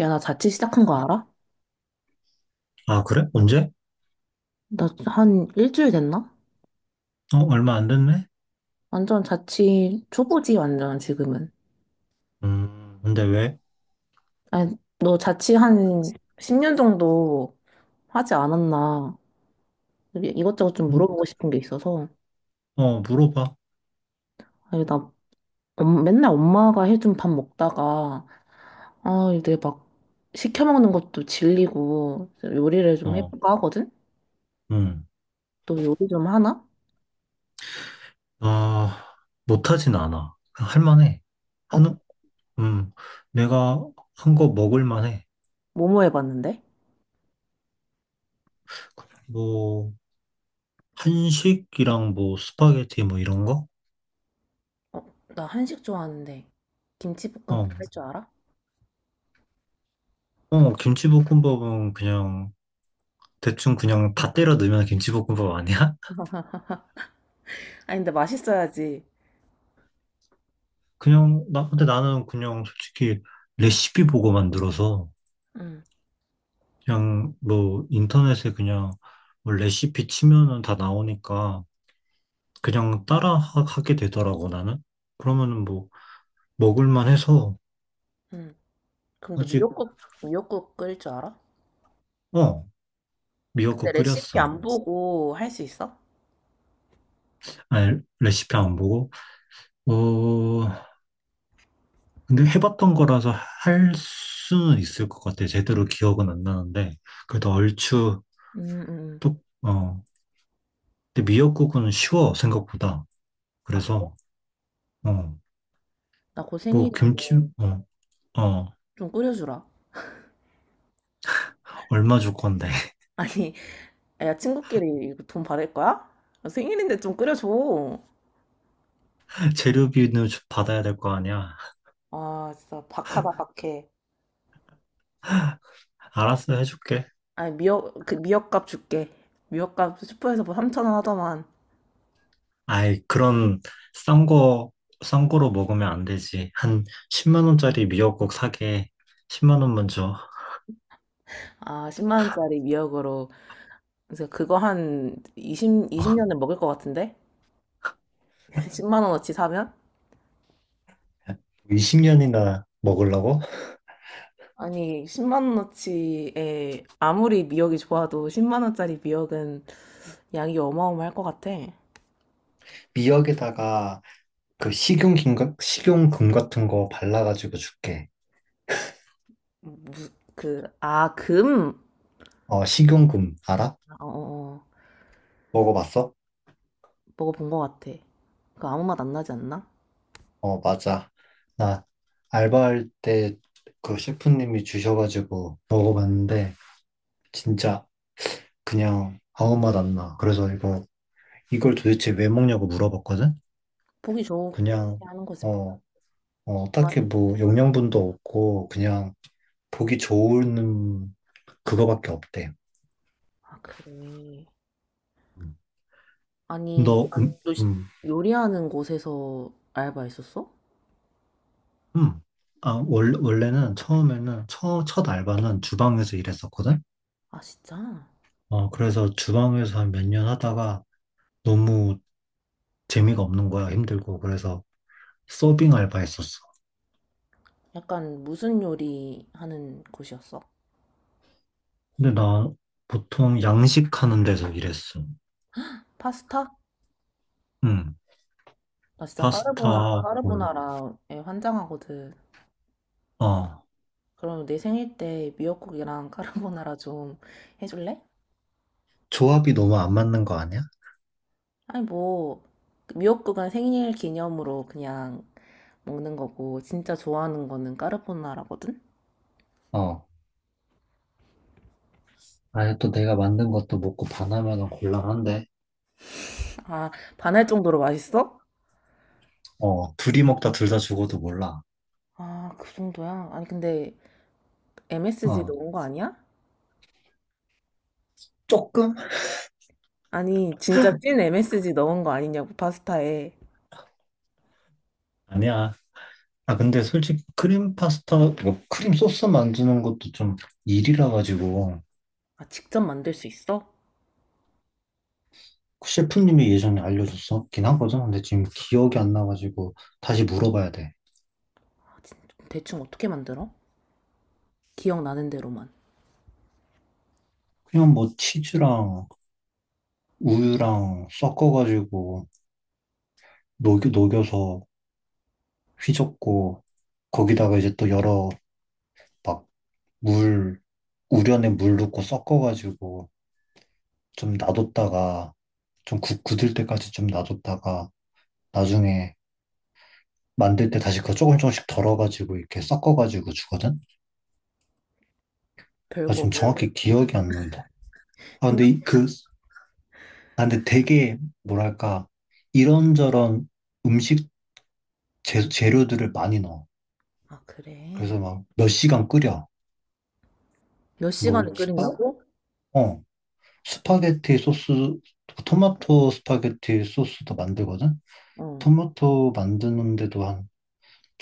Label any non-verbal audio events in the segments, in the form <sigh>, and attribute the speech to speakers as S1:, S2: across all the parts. S1: 야, 나 자취 시작한 거 알아?
S2: 아, 그래? 언제?
S1: 나 한 일주일 됐나?
S2: 어, 얼마 안 됐네?
S1: 완전 자취 초보지, 완전 지금은.
S2: 근데 왜?
S1: 아니, 너 자취 한 10년 정도 하지 않았나? 이것저것 좀
S2: 음?
S1: 물어보고 싶은 게 있어서.
S2: 어, 물어봐.
S1: 아니, 나 맨날 엄마가 해준 밥 먹다가, 아, 이제 막 시켜 먹는 것도 질리고, 요리를 좀
S2: 어,
S1: 해볼까 하거든?
S2: 음.
S1: 너 요리 좀 하나?
S2: 아, 못하진 않아. 할 만해.
S1: 어,
S2: 한, 음, 내가 한 거 먹을 만해.
S1: 뭐뭐 해봤는데?
S2: 뭐, 한식이랑 뭐, 스파게티 뭐 이런 거?
S1: 어, 나 한식 좋아하는데. 김치볶음밥
S2: 어,
S1: 할 줄 알아?
S2: 어, 김치볶음밥은 그냥, 대충 그냥 다 때려 넣으면 김치볶음밥 아니야? <laughs>
S1: 아니, 근데 맛있어야지.
S2: 그냥, 나, 근데 나는 그냥 솔직히 레시피 보고 만들어서,
S1: 응,
S2: 그냥 뭐 인터넷에 그냥 뭐 레시피 치면은 다 나오니까 그냥 따라 하게 되더라고 나는. 그러면은 뭐 먹을만 해서
S1: 응. 그럼 너
S2: 아직
S1: 미역국, 미역국 끓일 줄 알아?
S2: 어
S1: 근데
S2: 미역국
S1: 레시피
S2: 끓였어.
S1: 안 보고 할 수 있어?
S2: 아니 레시피 안 보고 어 근데 해봤던 거라서 할 수는 있을 것 같아. 제대로 기억은 안 나는데 그래도 얼추
S1: 응 응 응.
S2: 또어 근데 미역국은 쉬워 생각보다.
S1: 아,
S2: 그래서 어
S1: 나곧
S2: 뭐
S1: 생일인데
S2: 김치 어 어
S1: 좀 끓여주라.
S2: 얼마 줄 건데.
S1: <laughs> 아니, 야, 친구끼리 이거 돈 받을 거야? 아, 생일인데 좀 끓여줘.
S2: 재료비는 받아야 될 거 아니야.
S1: 아, 진짜 박하다, 박해.
S2: 알았어, 해줄게.
S1: 아니, 미역, 그 미역값 줄게. 미역값 슈퍼에서 뭐 3천 원 하더만.
S2: 아이, 그런 싼 거, 싼 거로 먹으면 안 되지. 한 10만 원짜리 미역국 사게 10만 원만 줘.
S1: 아, 10만 원짜리 미역으로. 그래서 그거 한
S2: 어,
S1: 이십 년을 먹을 것 같은데? <laughs> 10만 원어치 사면?
S2: 20년이나 먹으려고?
S1: 아니, 10만 원어치에 아무리 미역이 좋아도 10만 원짜리 미역은 양이 어마어마할 것 같아.
S2: 미역에다가 그 식용김, 식용금 같은 거 발라가지고 줄게.
S1: 무, 그, 아, 금?
S2: 어, 식용금, 알아?
S1: 아, 어, 어, 어.
S2: 먹어봤어?
S1: 먹어본 것 같아. 그 아무 맛 안 나지 않나?
S2: 어, 맞아. 나 알바할 때 그 셰프님이 주셔가지고 먹어봤는데, 진짜 그냥 아무 맛 안 나. 그래서 이거 이걸 도대체 왜 먹냐고 물어봤거든.
S1: 보기 좋게
S2: 그냥
S1: 하는 거지, 뭐.
S2: 어, 어, 딱히 뭐 영양분도 없고 그냥 보기 좋은 그거밖에 없대.
S1: 아, 그래.
S2: 음.
S1: 아니,
S2: 너
S1: 요, 요리하는 곳에서 알바했었어?
S2: 음. 아, 원래는 처음에는 첫 알바는 주방에서 일했었거든.
S1: 아, 진짜?
S2: 어, 그래서 주방에서 한 몇 년 하다가 너무 재미가 없는 거야. 힘들고. 그래서 서빙 알바 했었어.
S1: 약간 무슨 요리 하는 곳이었어?
S2: 근데 나 보통 양식하는 데서 일했어.
S1: 파스타?
S2: 응.
S1: 나 진짜
S2: 파스타, 볼.
S1: 까르보나라에 환장하거든.
S2: 어.
S1: 그럼 내 생일 때 미역국이랑 카르보나라 좀 해줄래?
S2: 조합이 너무 안 맞는 거 아니야?
S1: 아니 뭐 그 미역국은 생일 기념으로 그냥 먹는 거고 진짜 좋아하는 거는 카르보나라거든?
S2: 어. 아예 또 내가 만든 것도 먹고 반하면 곤란한데.
S1: 아 반할 정도로 맛있어?
S2: 어. 둘이 먹다 둘 다 죽어도 몰라.
S1: 아 그 정도야? 아니 근데 MSG
S2: 어.
S1: 넣은 거 아니야?
S2: 조금?
S1: 아니 진짜 찐 MSG 넣은 거 아니냐고 파스타에
S2: 아니야. 아, 근데 솔직히 크림 파스타, 뭐 크림 소스 만드는 것도 좀 일이라 가지고
S1: 아 직접 만들 수 있어?
S2: 그 셰프님이 예전에 알려줬었긴 하거든. 근데 지금 기억이 안 나가지고 다시 물어봐야 돼.
S1: 아, 대충 어떻게 만들어? 기억나는 대로만
S2: 그냥 뭐 치즈랑 우유랑 섞어가지고 녹여서 휘젓고 거기다가 이제 또 여러 막 물, 우려낸 물 넣고 섞어가지고 좀 놔뒀다가 좀 굳을 때까지 좀 놔뒀다가 나중에 만들 때 다시 그거 조금 조금씩 덜어가지고 이렇게 섞어가지고 주거든? 아,
S1: 별거
S2: 지금
S1: 없는데
S2: 정확히 기억이 안 난다. 아, 근데
S1: 생각보다
S2: 그, 아, 근데 되게 뭐랄까 이런저런 음식 재료들을 많이 넣어.
S1: 아 그래
S2: 그래서 막 몇 시간 끓여.
S1: 몇
S2: 뭐,
S1: 시간을 끓인다고?
S2: 어? 스파게티 소스, 토마토 스파게티 소스도 만들거든?
S1: 어.
S2: 토마토 만드는데도 한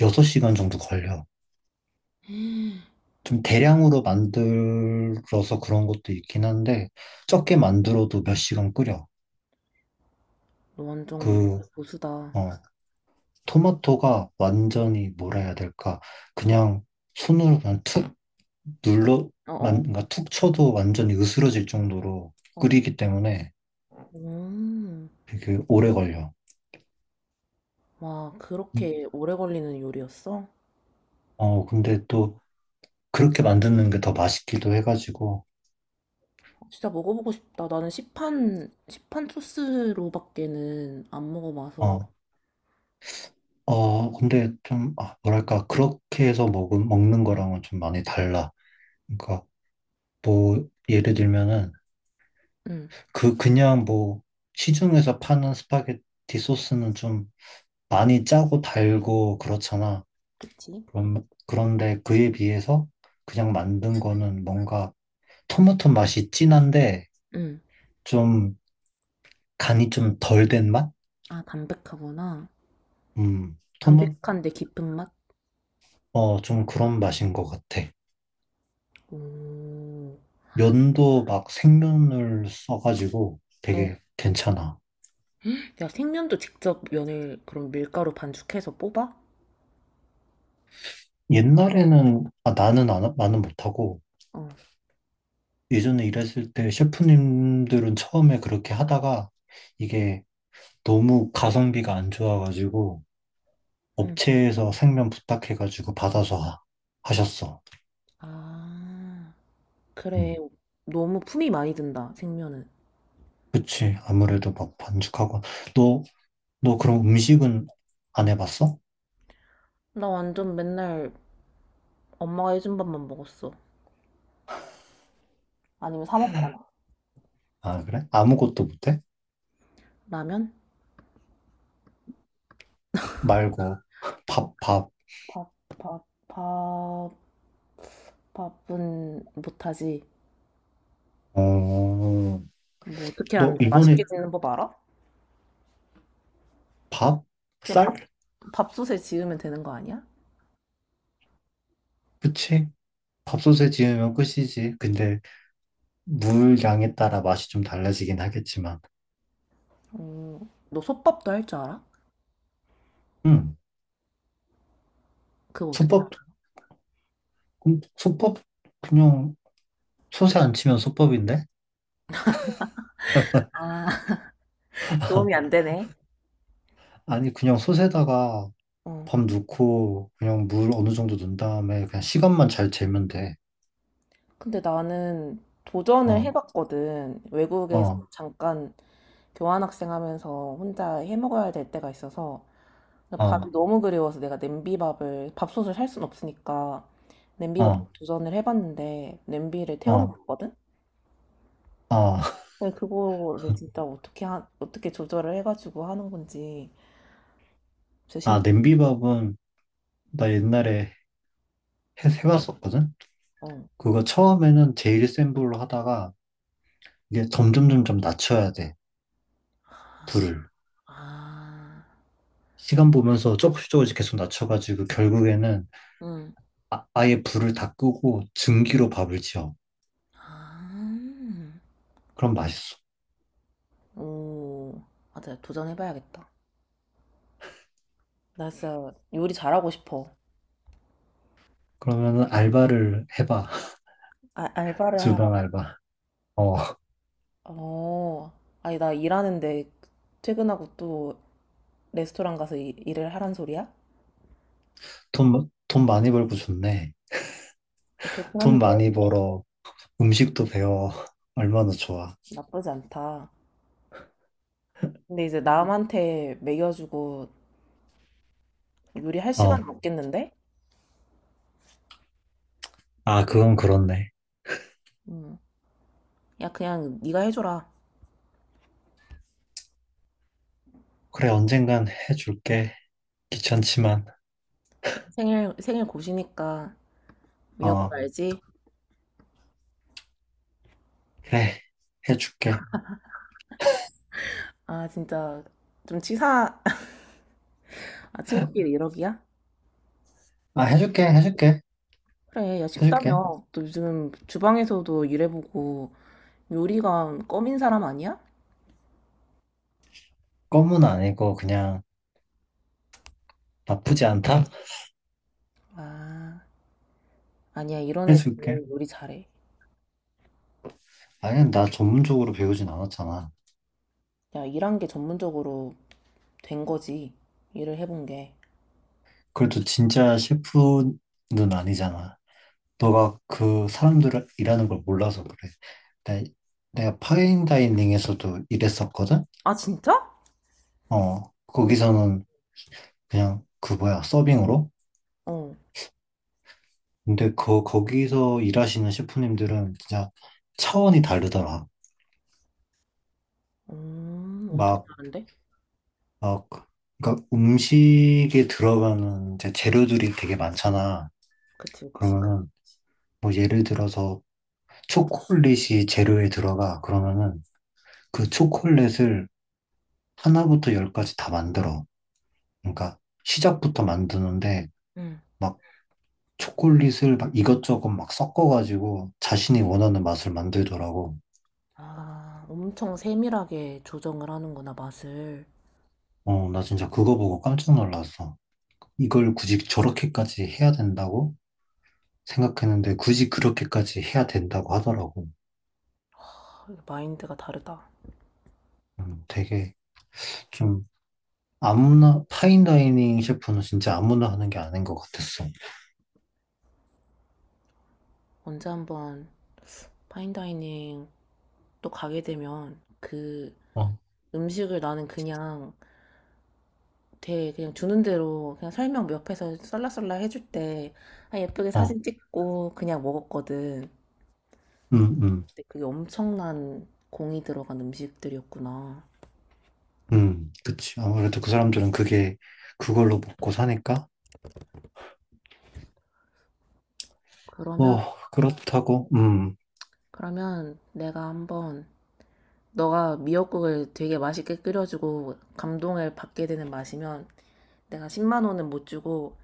S2: 6시간 정도 걸려.
S1: 너
S2: 좀 대량으로 만들어서 그런 것도 있긴 한데, 적게 만들어도 몇 시간 끓여.
S1: 완전 인터
S2: 그,
S1: 보수다.
S2: 어, 토마토가 완전히 뭐라 해야 될까. 그냥 손으로 그냥 툭 눌러,
S1: 어어.
S2: 만, 그러니까 툭 쳐도 완전히 으스러질 정도로
S1: 어.
S2: 끓이기 때문에
S1: 음.
S2: 되게 오래 걸려.
S1: 와, 그렇게 오래 걸리는 요리였어?
S2: 어, 근데 또 그렇게 만드는 게 더 맛있기도 해가지고,
S1: 진짜 먹어보고 싶다. 나는 시판 소스로밖에는 안 먹어봐서.
S2: 어, 어, 근데 좀, 아, 뭐랄까, 그렇게 해서 먹은, 먹는 거랑은 좀 많이 달라. 그러니까, 뭐, 예를 들면은,
S1: 응,
S2: 그, 그냥 뭐, 시중에서 파는 스파게티 소스는 좀 많이 짜고 달고 그렇잖아.
S1: 그치?
S2: 그럼, 그런데 그에 비해서 그냥 만든 거는 뭔가 토마토 맛이 진한데,
S1: 응.
S2: 좀, 간이 좀 덜 된 맛?
S1: 아, 담백하구나.
S2: 토마,
S1: 담백한데 깊은 맛?
S2: 어, 좀 그런 맛인 것 같아.
S1: 오.
S2: 면도 막 생면을 써가지고
S1: 어.
S2: 되게 괜찮아.
S1: 야, 생면도 직접 면을 그럼 밀가루 반죽해서 뽑아?
S2: 옛날에는, 아, 나는 안, 나는 못하고,
S1: 어.
S2: 예전에 일했을 때 셰프님들은 처음에 그렇게 하다가 이게 너무 가성비가 안 좋아가지고
S1: 응.
S2: 업체에서 생면 부탁해가지고 받아서 하, 하셨어.
S1: 아, 그래.
S2: 음,
S1: 너무 품이 많이 든다, 생면은.
S2: 그치. 아무래도 막 반죽하고. 너, 너 그럼 음식은 안 해봤어?
S1: 나 완전 맨날 엄마가 해준 밥만 먹었어. 아니면 사 먹거나.
S2: 아, 그래? 아무것도 못해?
S1: 라면?
S2: 말고. 밥, 밥.
S1: 밥, 밥, 밥, 밥은 못하지.
S2: 어,
S1: 뭐 어떻게
S2: 너
S1: 하는데
S2: 이번에
S1: 맛있게 짓는 법 알아?
S2: 밥?
S1: 그냥
S2: 쌀?
S1: 밥, 밥솥에 지으면 되는 거 아니야?
S2: 그치? 밥솥에 지으면 끝이지. 근데 물 양에 따라 맛이 좀 달라지긴 하겠지만.
S1: 어, 너 솥밥도 할 줄 알아?
S2: 응.
S1: 그거 어떻게 알아?
S2: 솥밥, 솥밥, 그냥 솥에 안 치면 솥밥인데?
S1: 아, <laughs> 도움이 안
S2: <laughs>
S1: 되네.
S2: 아니, 그냥 솥에다가
S1: 어.
S2: 밥 넣고 그냥 물 어느 정도 넣은 다음에 그냥 시간만 잘 재면 돼.
S1: 근데 나는 도전을
S2: 어,
S1: 해봤거든. 외국에서
S2: 어,
S1: 잠깐 교환학생 하면서 혼자 해먹어야 될 때가 있어서 근데 밥이
S2: 어,
S1: 너무 그리워서 내가 냄비밥을 밥솥을 살 순 없으니까 냄비밥
S2: 어,
S1: 도전을 해봤는데 냄비를
S2: 어,
S1: 태워먹거든?
S2: 어.
S1: 근데 그거를 진짜 어떻게 조절을 해가지고 하는 건지 진짜
S2: 아,
S1: 신기해.
S2: 냄비밥은 나 옛날에 해봤었거든?
S1: 어.
S2: 그거 처음에는 제일 센 불로 하다가 이게 점점 점점 낮춰야 돼. 불을.
S1: 아,
S2: 시간 보면서 조금씩 조금씩 계속 낮춰가지고 결국에는
S1: 응.
S2: 아, 아예 불을 다 끄고 증기로 밥을 지어.
S1: 아,
S2: 그럼 맛있어.
S1: 오, 맞아. 도전해봐야겠다. 나 진짜 요리 잘하고 싶어.
S2: 그러면은 알바를 해봐. <laughs>
S1: 아, 알바를
S2: 주방
S1: 하라고.
S2: 알바. 어,
S1: 어, 아니 나 일하는데 퇴근하고 또 레스토랑 가서 일을 하란 소리야?
S2: 돈 많이 벌고 좋네.
S1: 그렇긴
S2: 돈
S1: 한데
S2: 많이 벌어. 음식도 배워. <laughs> 얼마나 좋아.
S1: 나쁘지 않다. 근데 이제 남한테 매겨주고 요리할
S2: 어,
S1: 시간은 없겠는데?
S2: 아, 그건 그렇네.
S1: 음. 야, 그냥 네가 해줘라.
S2: 그래, 언젠간 해줄게. 귀찮지만.
S1: 생일, 생일 고시니까 미역국
S2: 어,
S1: 알지?
S2: 그래, 해줄게.
S1: 아, 진짜 좀 치사, <laughs> 아, 친구끼리 이러기야?
S2: 아, 해줄게, 해줄게,
S1: 그래, 야,
S2: 해줄게.
S1: 쉽다며. 또 요즘 주방에서도 일해보고 요리가 껌인 사람 아니야?
S2: 껌은 아니고 그냥 나쁘지 않다?
S1: 아, 아니야. 이런 애들이
S2: 해줄게.
S1: 요리 잘해.
S2: 아니, 나 전문적으로 배우진 않았잖아.
S1: 야, 일한 게 전문적으로 된 거지. 일을 해본 게.
S2: 그래도 진짜 셰프는 아니잖아. 너가 그 사람들을 일하는 걸 몰라서 그래. 내, 내가 파인다이닝에서도 일했었거든?
S1: 아, 진짜?
S2: 어, 거기서는 그냥 그 뭐야, 서빙으로?
S1: 어.
S2: 근데 그, 거기서 일하시는 셰프님들은 진짜 차원이 다르더라.
S1: 음. 어떻게
S2: 막,
S1: 하는데?
S2: 막, 그러니까 음식에 들어가는 이제 재료들이 되게 많잖아.
S1: 그치, 그치.
S2: 그러면은 뭐 예를 들어서 초콜릿이 재료에 들어가 그러면은 그 초콜릿을 하나부터 열까지 다 만들어. 그러니까 시작부터 만드는데
S1: 응.
S2: 막 초콜릿을 막 이것저것 막 섞어가지고 자신이 원하는 맛을 만들더라고.
S1: 아, 엄청 세밀하게 조정을 하는구나, 맛을.
S2: 어, 나 진짜 그거 보고 깜짝 놀랐어. 이걸 굳이 저렇게까지 해야 된다고 생각했는데 굳이 그렇게까지 해야 된다고 하더라고.
S1: 아, 이거 마인드가 다르다.
S2: 되게 좀 아무나 파인다이닝 셰프는 진짜 아무나 하는 게 아닌 것 같았어.
S1: 언제 한번 파인다이닝 또 가게 되면 그
S2: 어,
S1: 음식을 나는 그냥 되게 그냥 주는 대로 그냥 설명 옆에서 썰라썰라 해줄 때 아, 예쁘게
S2: 어,
S1: 사진 찍고 그냥 먹었거든.
S2: 음, 음.
S1: 근데 그게 엄청난 공이 들어간 음식들이었구나.
S2: 그치. 아무래도 그 사람들은 그게 그걸로 먹고 사니까?
S1: 그러면,
S2: 뭐, 그렇다고,
S1: 그러면 내가 한번 너가 미역국을 되게 맛있게 끓여주고 감동을 받게 되는 맛이면 내가 10만 원은 못 주고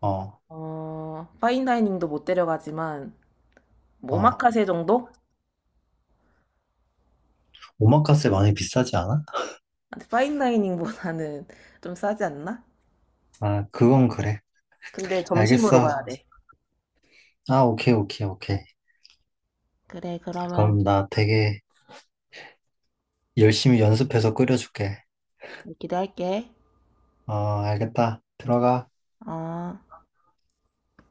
S2: 어,
S1: 어, 파인다이닝도 못 데려가지만 뭐
S2: 어.
S1: 오마카세 정도?
S2: 오마카세 많이 비싸지 않아?
S1: 파인다이닝보다는 <laughs> 좀 싸지 않나?
S2: 아, 그건 그래.
S1: 근데 점심으로
S2: 알겠어.
S1: 가야 돼.
S2: 아, 오케이, 오케이, 오케이.
S1: 그래, 그러면
S2: 그럼 나 되게 열심히 연습해서 끓여줄게.
S1: 기대할게.
S2: 어, 알겠다. 들어가.
S1: 어.